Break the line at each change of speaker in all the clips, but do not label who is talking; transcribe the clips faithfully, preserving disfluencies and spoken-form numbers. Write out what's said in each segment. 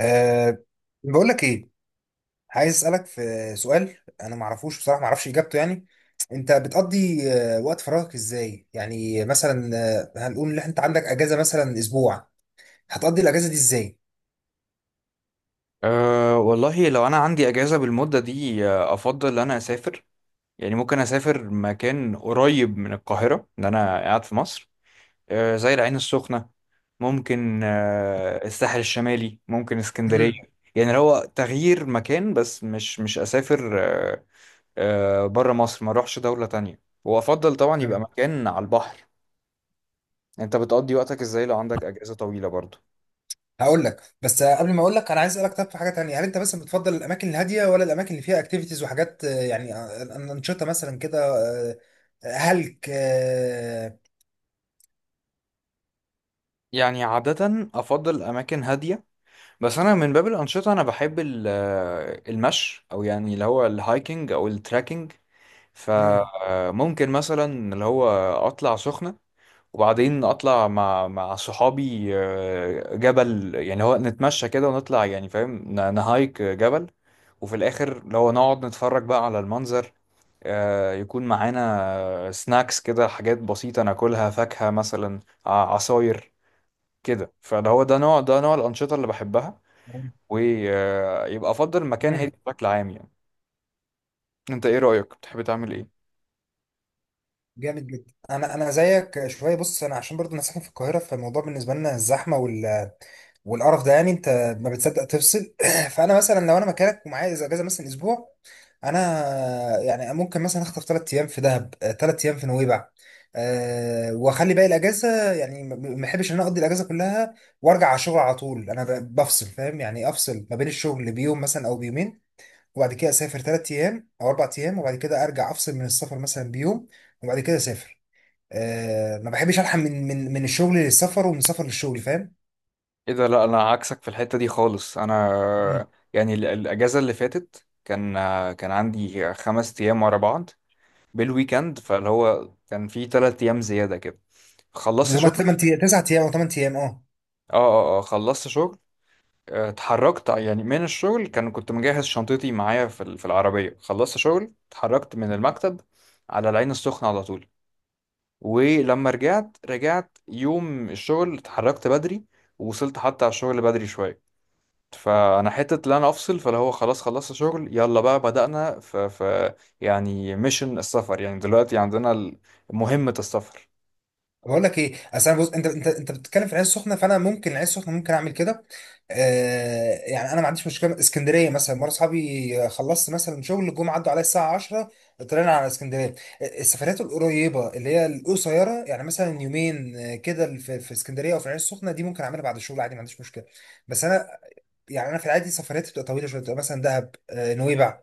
أه. بقول لك ايه، عايز اسالك في سؤال. انا ما اعرفوش بصراحه، ما اعرفش اجابته. يعني انت بتقضي آه، وقت فراغك ازاي؟ يعني مثلا آه، هنقول ان انت عندك اجازه مثلا اسبوع، هتقضي الاجازه دي ازاي؟
أه والله لو أنا عندي أجازة بالمدة دي آه، أفضل إن أنا أسافر. يعني ممكن أسافر مكان قريب من القاهرة إن أنا قاعد في مصر، أه زي العين السخنة. ممكن أه الساحل الشمالي، ممكن اسكندرية.
امم.
يعني لو هو تغيير مكان، بس مش مش أسافر أه أه بره مصر، ما أروحش دولة تانية، وأفضل طبعا يبقى مكان على البحر. أنت بتقضي وقتك إزاي لو عندك أجازة طويلة برضو؟
هقول لك، بس آه، قبل ما اقول لك انا عايز اسالك. طب في حاجه تانية: هل انت مثلا بتفضل الاماكن الهاديه ولا الاماكن اللي فيها اكتيفيتيز وحاجات، آه، يعني آه، انشطه مثلا كده آه، هلك.
يعني عادة أفضل أماكن هادية. بس انا من باب الانشطه انا بحب ال- آه، المشي، او يعني اللي هو الهايكنج او التراكنج. فممكن مثلا اللي هو اطلع سخنه، وبعدين اطلع مع مع صحابي آه، جبل، يعني هو نتمشى كده ونطلع، يعني فاهم، ن- نهايك جبل. وفي الاخر اللي هو نقعد نتفرج بقى على المنظر. آه، يكون معانا سناكس كده، حاجات بسيطة ناكلها، فاكهة مثلا، ع- عصاير كده. فده هو ده نوع ده نوع الأنشطة اللي بحبها. ويبقى افضل المكان هادي
امم.
بشكل عام يعني. انت ايه رأيك، بتحب تعمل ايه؟
جامد جدا. انا انا زيك شويه. بص، انا عشان برضو انا ساكن في القاهره، فالموضوع بالنسبه لنا الزحمه وال... والقرف ده، يعني انت ما بتصدق تفصل. فانا مثلا لو انا مكانك ومعايا إذا اجازه مثلا اسبوع، انا يعني ممكن مثلا اخطف ثلاث ايام في دهب، ثلاث ايام في نويبع. أه واخلي باقي الاجازه. يعني ما ما احبش ان انا اقضي الاجازه كلها وارجع على الشغل على طول. انا ب- بفصل، فاهم؟ يعني افصل ما بين الشغل بيوم مثلا او بيومين، وبعد كده اسافر ثلاث ايام او اربع ايام، وبعد كده ارجع افصل من السفر مثلا بيوم، وبعد كده اسافر. آه ما بحبش الحق من من من الشغل للسفر ومن السفر للشغل، فاهم؟
ايه ده، لا انا عكسك في الحتة دي خالص. انا
مم.
يعني ال- الاجازة اللي فاتت، كان كان عندي خمس ايام ورا بعض بالويكند، فاللي هو كان في تلات ايام زيادة كده. خلصت
زي ما
شغل.
تمن تسع ايام او تمن ايام، اه.
اه اه اه، خلصت شغل. آه، اتحركت يعني من الشغل، كان كنت مجهز شنطتي معايا في ال- في العربية. خلصت شغل، اتحركت من المكتب على العين السخنة على طول. ولما رجعت، رجعت يوم الشغل، اتحركت بدري ووصلت حتى على الشغل بدري شوية. فانا حتة اللي انا افصل فاللي هو خلاص خلصت شغل، يلا بقى بدأنا ف, ف يعني ميشن السفر. يعني دلوقتي عندنا ال- مهمة السفر.
بقول لك ايه، اصل انا بص، انت انت انت بتتكلم في العين السخنه، فانا ممكن العين السخنه ممكن اعمل كده. آه، يعني انا ما عنديش مشكله. اسكندريه مثلا مره اصحابي خلصت مثلا شغل، جم عدوا عليا الساعه عشره، طلعنا على اسكندريه. السفرات القريبه اللي هي القصيره، يعني مثلا يومين آه، كده، في في اسكندريه او في العين السخنه، دي ممكن اعملها بعد الشغل عادي، ما عنديش مشكله. بس انا يعني انا في العادي سفرياتي بتبقى طويله شويه، بتبقى مثلا دهب آه، نويبع،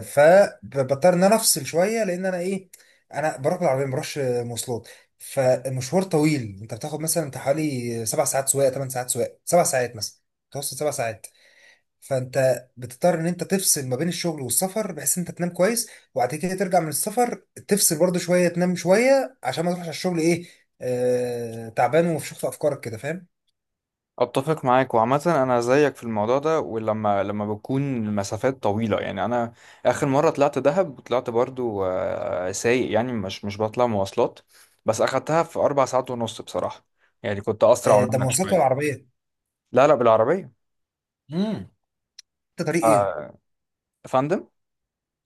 فبضطر ان انا افصل شويه، لان انا ايه، انا بروح بالعربيه ما بروحش مواصلات. فمشوار طويل، انت بتاخد مثلا انت حوالي سبع ساعات سواقه، ثمان ساعات سواقه، سبع ساعات مثلا، متوسط سبع ساعات. فانت بتضطر ان انت تفصل ما بين الشغل والسفر بحيث ان انت تنام كويس، وبعد كده ترجع من السفر تفصل برضه شويه، تنام شويه عشان ما تروحش على الشغل ايه، آه تعبان ومفشوخ في افكارك كده، فاهم؟
اتفق معاك، وعامة انا زيك في الموضوع ده. ولما لما بتكون مسافات طويلة، يعني انا اخر مرة طلعت دهب، وطلعت برضو آه، سايق، يعني مش مش بطلع مواصلات. بس اخدتها في اربع ساعات ونص بصراحة. يعني كنت
آه،
اسرع
ده
منك
مواصلات ولا
شوية.
عربيه؟
لا لا، بالعربية.
امم. انت طريق
ف...
ايه؟
فندم.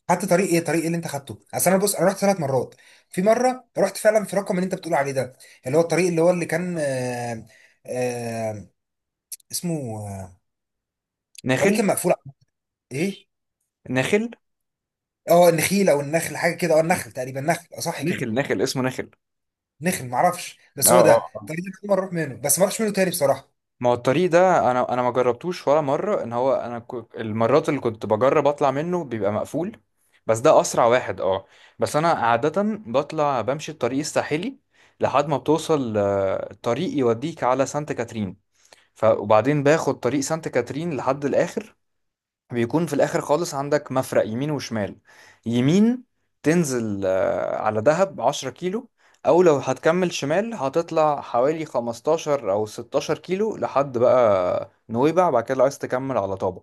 خدت طريق ايه، طريق ايه اللي انت خدته؟ اصل انا بص، انا رحت ثلاث مرات. في مره رحت فعلا في رقم اللي انت بتقول عليه ده، اللي هو الطريق اللي هو اللي كان آه آه اسمه آه، طريق
نخل.
كان مقفول. ايه؟
نخل
اه النخيل او النخل حاجه كده، اه النخل تقريبا، نخل اه صح كده.
نخل نخل اسمه نخل.
نخل معرفش
اه
بس هو ده.
اه آه.
الطريق ده كل مره اروح منه، بس ما اروحش منه تاني بصراحه.
ما هو الطريق ده، انا انا ما جربتوش ولا مرة. ان هو انا ك... المرات اللي كنت بجرب اطلع منه بيبقى مقفول، بس ده اسرع واحد اه. بس انا عادة بطلع بمشي الطريق الساحلي لحد ما بتوصل آه، الطريق يوديك على سانت كاترين. ف... وبعدين باخد طريق سانت كاترين لحد الاخر. بيكون في الاخر خالص عندك مفرق يمين وشمال. يمين تنزل آه، على دهب 10 كيلو، او لو هتكمل شمال هتطلع حوالي خمستاشر او 16 كيلو لحد بقى نويبع، بعد كده لو عايز تكمل على طابة.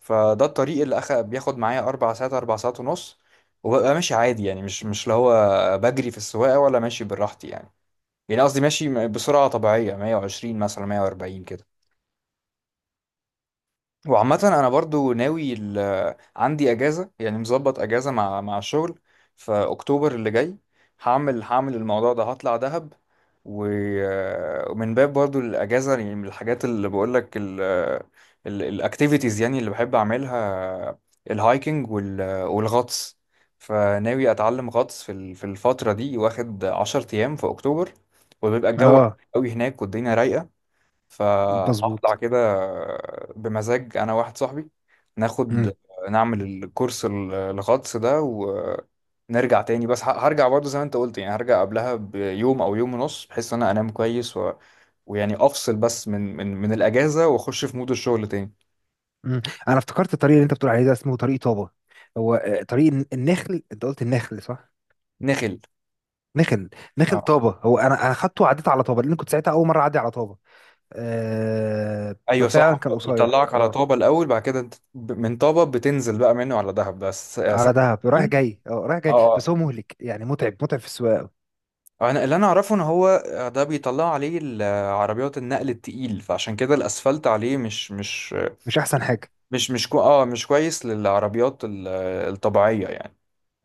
فده الطريق اللي أخ... بياخد معايا اربع ساعات، اربع ساعات ونص. وببقى ماشي عادي يعني، مش مش اللي هو بجري في السواقة، ولا ماشي براحتي يعني. يعني قصدي ماشي بسرعة طبيعية، مية وعشرين مثلا، مية واربعين كده. وعامة أنا برضو ناوي ال... عندي أجازة يعني، مظبط أجازة مع مع الشغل في أكتوبر اللي جاي. هعمل هعمل الموضوع ده، هطلع دهب. و... ومن باب برضو الأجازة، يعني من الحاجات اللي بقولك ال... ال... الأكتيفيتيز يعني اللي بحب أعملها، الهايكنج وال... والغطس. فناوي أتعلم غطس في ال... في الفترة دي، واخد عشر أيام في أكتوبر. وبيبقى الجو حلو
اه.
أوي هناك، والدنيا رايقة.
مظبوط.
فهطلع كده بمزاج، انا واحد صاحبي، ناخد
امم.
نعمل الكورس ال- الغطس ده، ونرجع تاني. بس ه- هرجع برضه زي ما انت قلت، يعني هرجع قبلها بيوم او يوم ونص، بحيث ان انا انام كويس و... ويعني افصل بس من من من الاجازه، واخش في مود الشغل تاني.
امم. انا افتكرت الطريق اللي انت بتقول عليه ده اسمه طريق طابة. هو آه، طريق الن- النخل، انت قلت النخل صح؟
نخل،
نخل. نخل
اه.
طابه. هو انا انا خدته وعديت على طابه لان كنت ساعتها اول مره اعدي على طابه. أه،
ايوه
ففعلا
صح،
كان قصير
بيطلعك على
اه.
طابه الاول، بعد كده انت ب- من طابه بتنزل بقى منه على دهب. بس آه،
على
سانت
دهب رايح
كاترين.
جاي، اه رايح
اه
جاي. بس
آه.
هو مهلك يعني، متعب، متعب في السواقه أوي.
آه، انا اللي انا اعرفه ان هو آه، ده بيطلع عليه ال- آه، عربيات النقل التقيل، فعشان كده الاسفلت عليه مش مش
مش احسن حاجه.
مش مش كو اه مش كويس للعربيات ال- الطبيعيه يعني.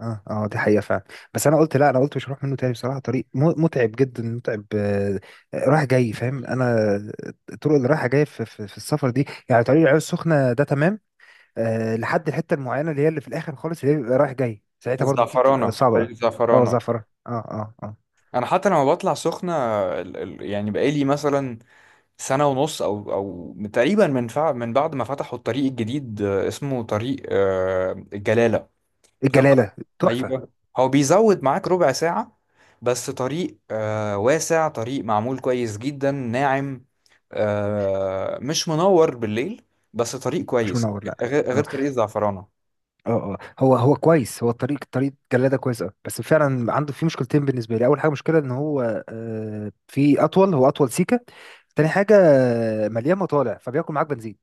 اه، اه، دي حقيقه فعلا. بس انا قلت لا، انا قلت مش هروح منه تاني بصراحه. طريق م- متعب جدا، متعب، آه رايح جاي، فاهم انا؟ الطرق اللي رايحه جايه في, في, في السفر دي، يعني طريق العين السخنه ده تمام آه لحد الحته المعينه اللي هي اللي في الاخر خالص اللي هي بيبقى رايح جاي ساعتها، برضو دي بتبقى
الزعفرانه،
صعبه
طريق
قوي. اه،
الزعفرانه.
زعفرة، اه اه اه.
انا حتى لما بطلع سخنه، ال- ال- يعني بقالي مثلا سنه ونص او او تقريبا، من فع من بعد ما فتحوا الطريق الجديد، آه، اسمه طريق آه، الجلاله، بتفضل.
الجلاله. تحفه.
ايوه، هو بيزود معاك ربع ساعة، بس طريق آه واسع، طريق معمول كويس جدا، ناعم. آه مش منور بالليل، بس طريق
مش
كويس،
منور، لا.
غير غير
اه
طريق الزعفرانة.
اه اه، هو هو كويس، هو الطريق طريق جلاله كويس اه. بس فعلا عنده في مشكلتين بالنسبه لي. اول حاجه مشكله ان هو آه في اطول، هو اطول سيكه. تاني حاجه آه، مليان مطالع، فبياكل معاك بنزين.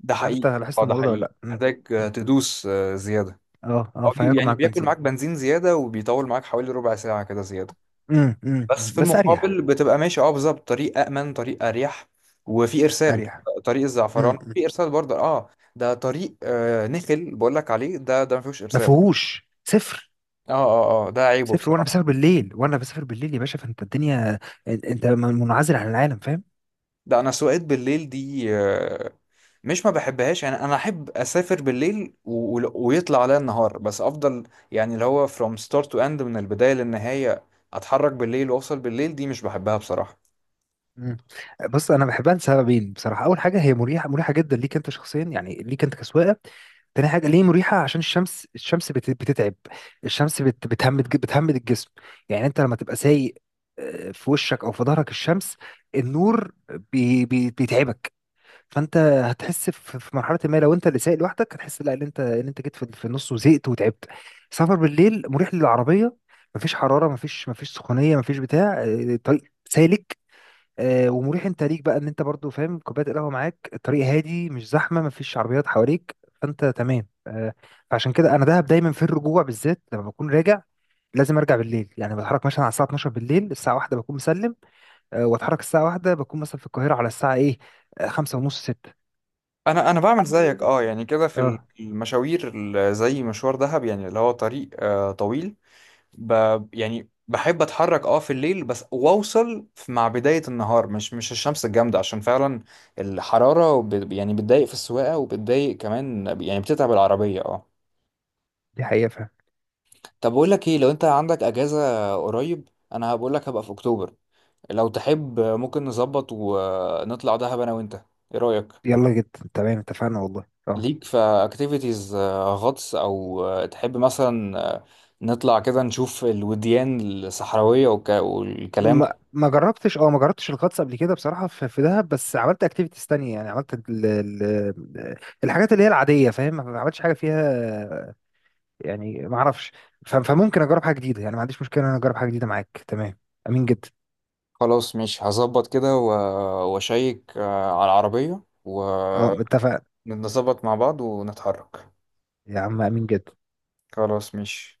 ده
مش عارف انت
حقيقي.
لاحظت
اه ده
الموضوع ده ولا
حقيقي،
لا. مم.
محتاج آه،
مم.
تدوس آه زيادة.
اه اه،
هو بي-
فهياكل
يعني
معاك
بياكل
بنزين.
معاك بنزين زيادة، وبيطول معاك حوالي ربع ساعة كده زيادة.
مم. مم.
بس
مم.
في
بس اريح.
المقابل بتبقى ماشي اه بالظبط، طريق أأمن، طريق أريح. وفي إرسال.
اريح.
طريق الزعفران
مم. مم.
في إرسال برضه، اه. ده طريق آه نخل بقول لك عليه، ده ده ما فيهوش
ما
إرسال.
فيهوش صفر.
اه اه اه، آه، ده عيبه
سافر، وانا
بصراحة.
بسافر بالليل، وانا بسافر بالليل يا باشا، فانت الدنيا، انت منعزل عن العالم، فاهم؟
ده أنا سواقات بالليل دي آه مش ما بحبهاش يعني. أنا أحب أسافر بالليل و... و- ويطلع عليا النهار بس، أفضل. يعني اللي هو from start to end، من البداية للنهاية، أتحرك بالليل وأوصل بالليل، دي مش بحبها بصراحة.
مم. بص انا بحبها لسببين بصراحه. اول حاجه هي مريحه، مريحه جدا ليك انت شخصيا، يعني ليك انت كسواقه. تاني حاجة ليه مريحة، عشان الشمس، الشمس بت- بتتعب. الشمس بت- بتهمد ج- بتهمد الجسم. يعني انت لما تبقى سايق آه، في وشك او في ظهرك الشمس، النور، بي بي بيتعبك. فانت هتحس في في مرحله ما، لو انت اللي سايق لوحدك هتحس لا ان انت ان انت جيت في في النص وزهقت وتعبت. سفر بالليل مريح للعربيه، مفيش حراره، مفيش مفيش سخونيه، مفيش بتاع آه، طريق سالك آه، ومريح. انت ليك بقى ان انت برضو فاهم، كوبايه القهوه معاك، الطريق هادي، مش زحمه، مفيش عربيات حواليك، فانت تمام آه، فعشان كده انا دهب دايما في الرجوع بالذات. لما بكون راجع لازم ارجع بالليل، يعني بتحرك مثلا على الساعه الاتناشر بالليل، الساعه واحدة بكون مسلم آه، واتحرك. الساعه واحدة بكون مثلا في القاهره على الساعه ايه، خمسه ونص سته.
انا انا بعمل زيك اه يعني، كده في ال-
اه،
المشاوير، ال- زي مشوار دهب، يعني اللي هو طريق آه طويل. ب يعني بحب اتحرك اه في الليل بس، واوصل في- مع بداية النهار، مش مش الشمس الجامدة، عشان فعلا الحرارة وب- يعني بتضايق في السواقة، وبتضايق كمان يعني بتتعب العربية اه
دي حقيقة فعلا.
طب بقول لك ايه، لو انت عندك اجازة قريب، انا هبقول لك هبقى في اكتوبر، لو تحب ممكن نظبط ونطلع دهب انا وانت، ايه رأيك؟
يلا جدا تمام، اتفقنا والله، اه.
ليك في اكتيفيتيز غطس، او آه، تحب مثلا آه، نطلع كده نشوف الوديان الصحراوية والك- والكلام
ما
ده.
ما جربتش، اه ما جربتش الغطس قبل كده بصراحة في, في دهب، بس عملت اكتيفيتيز تانية. يعني عملت ال ال الحاجات اللي هي العادية، فاهم؟ ما عملتش حاجة فيها، يعني ما اعرفش. ف- فممكن اجرب حاجة جديدة، يعني ما عنديش مشكلة ان انا اجرب حاجة جديدة معاك، تمام. امين جدا.
خلاص، مش هظبط كده و- واشيك آه، على العربية،
اه اتفقنا.
ونظبط مع بعض ونتحرك.
يا عم امين جدا.
خلاص مش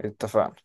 اتفقنا.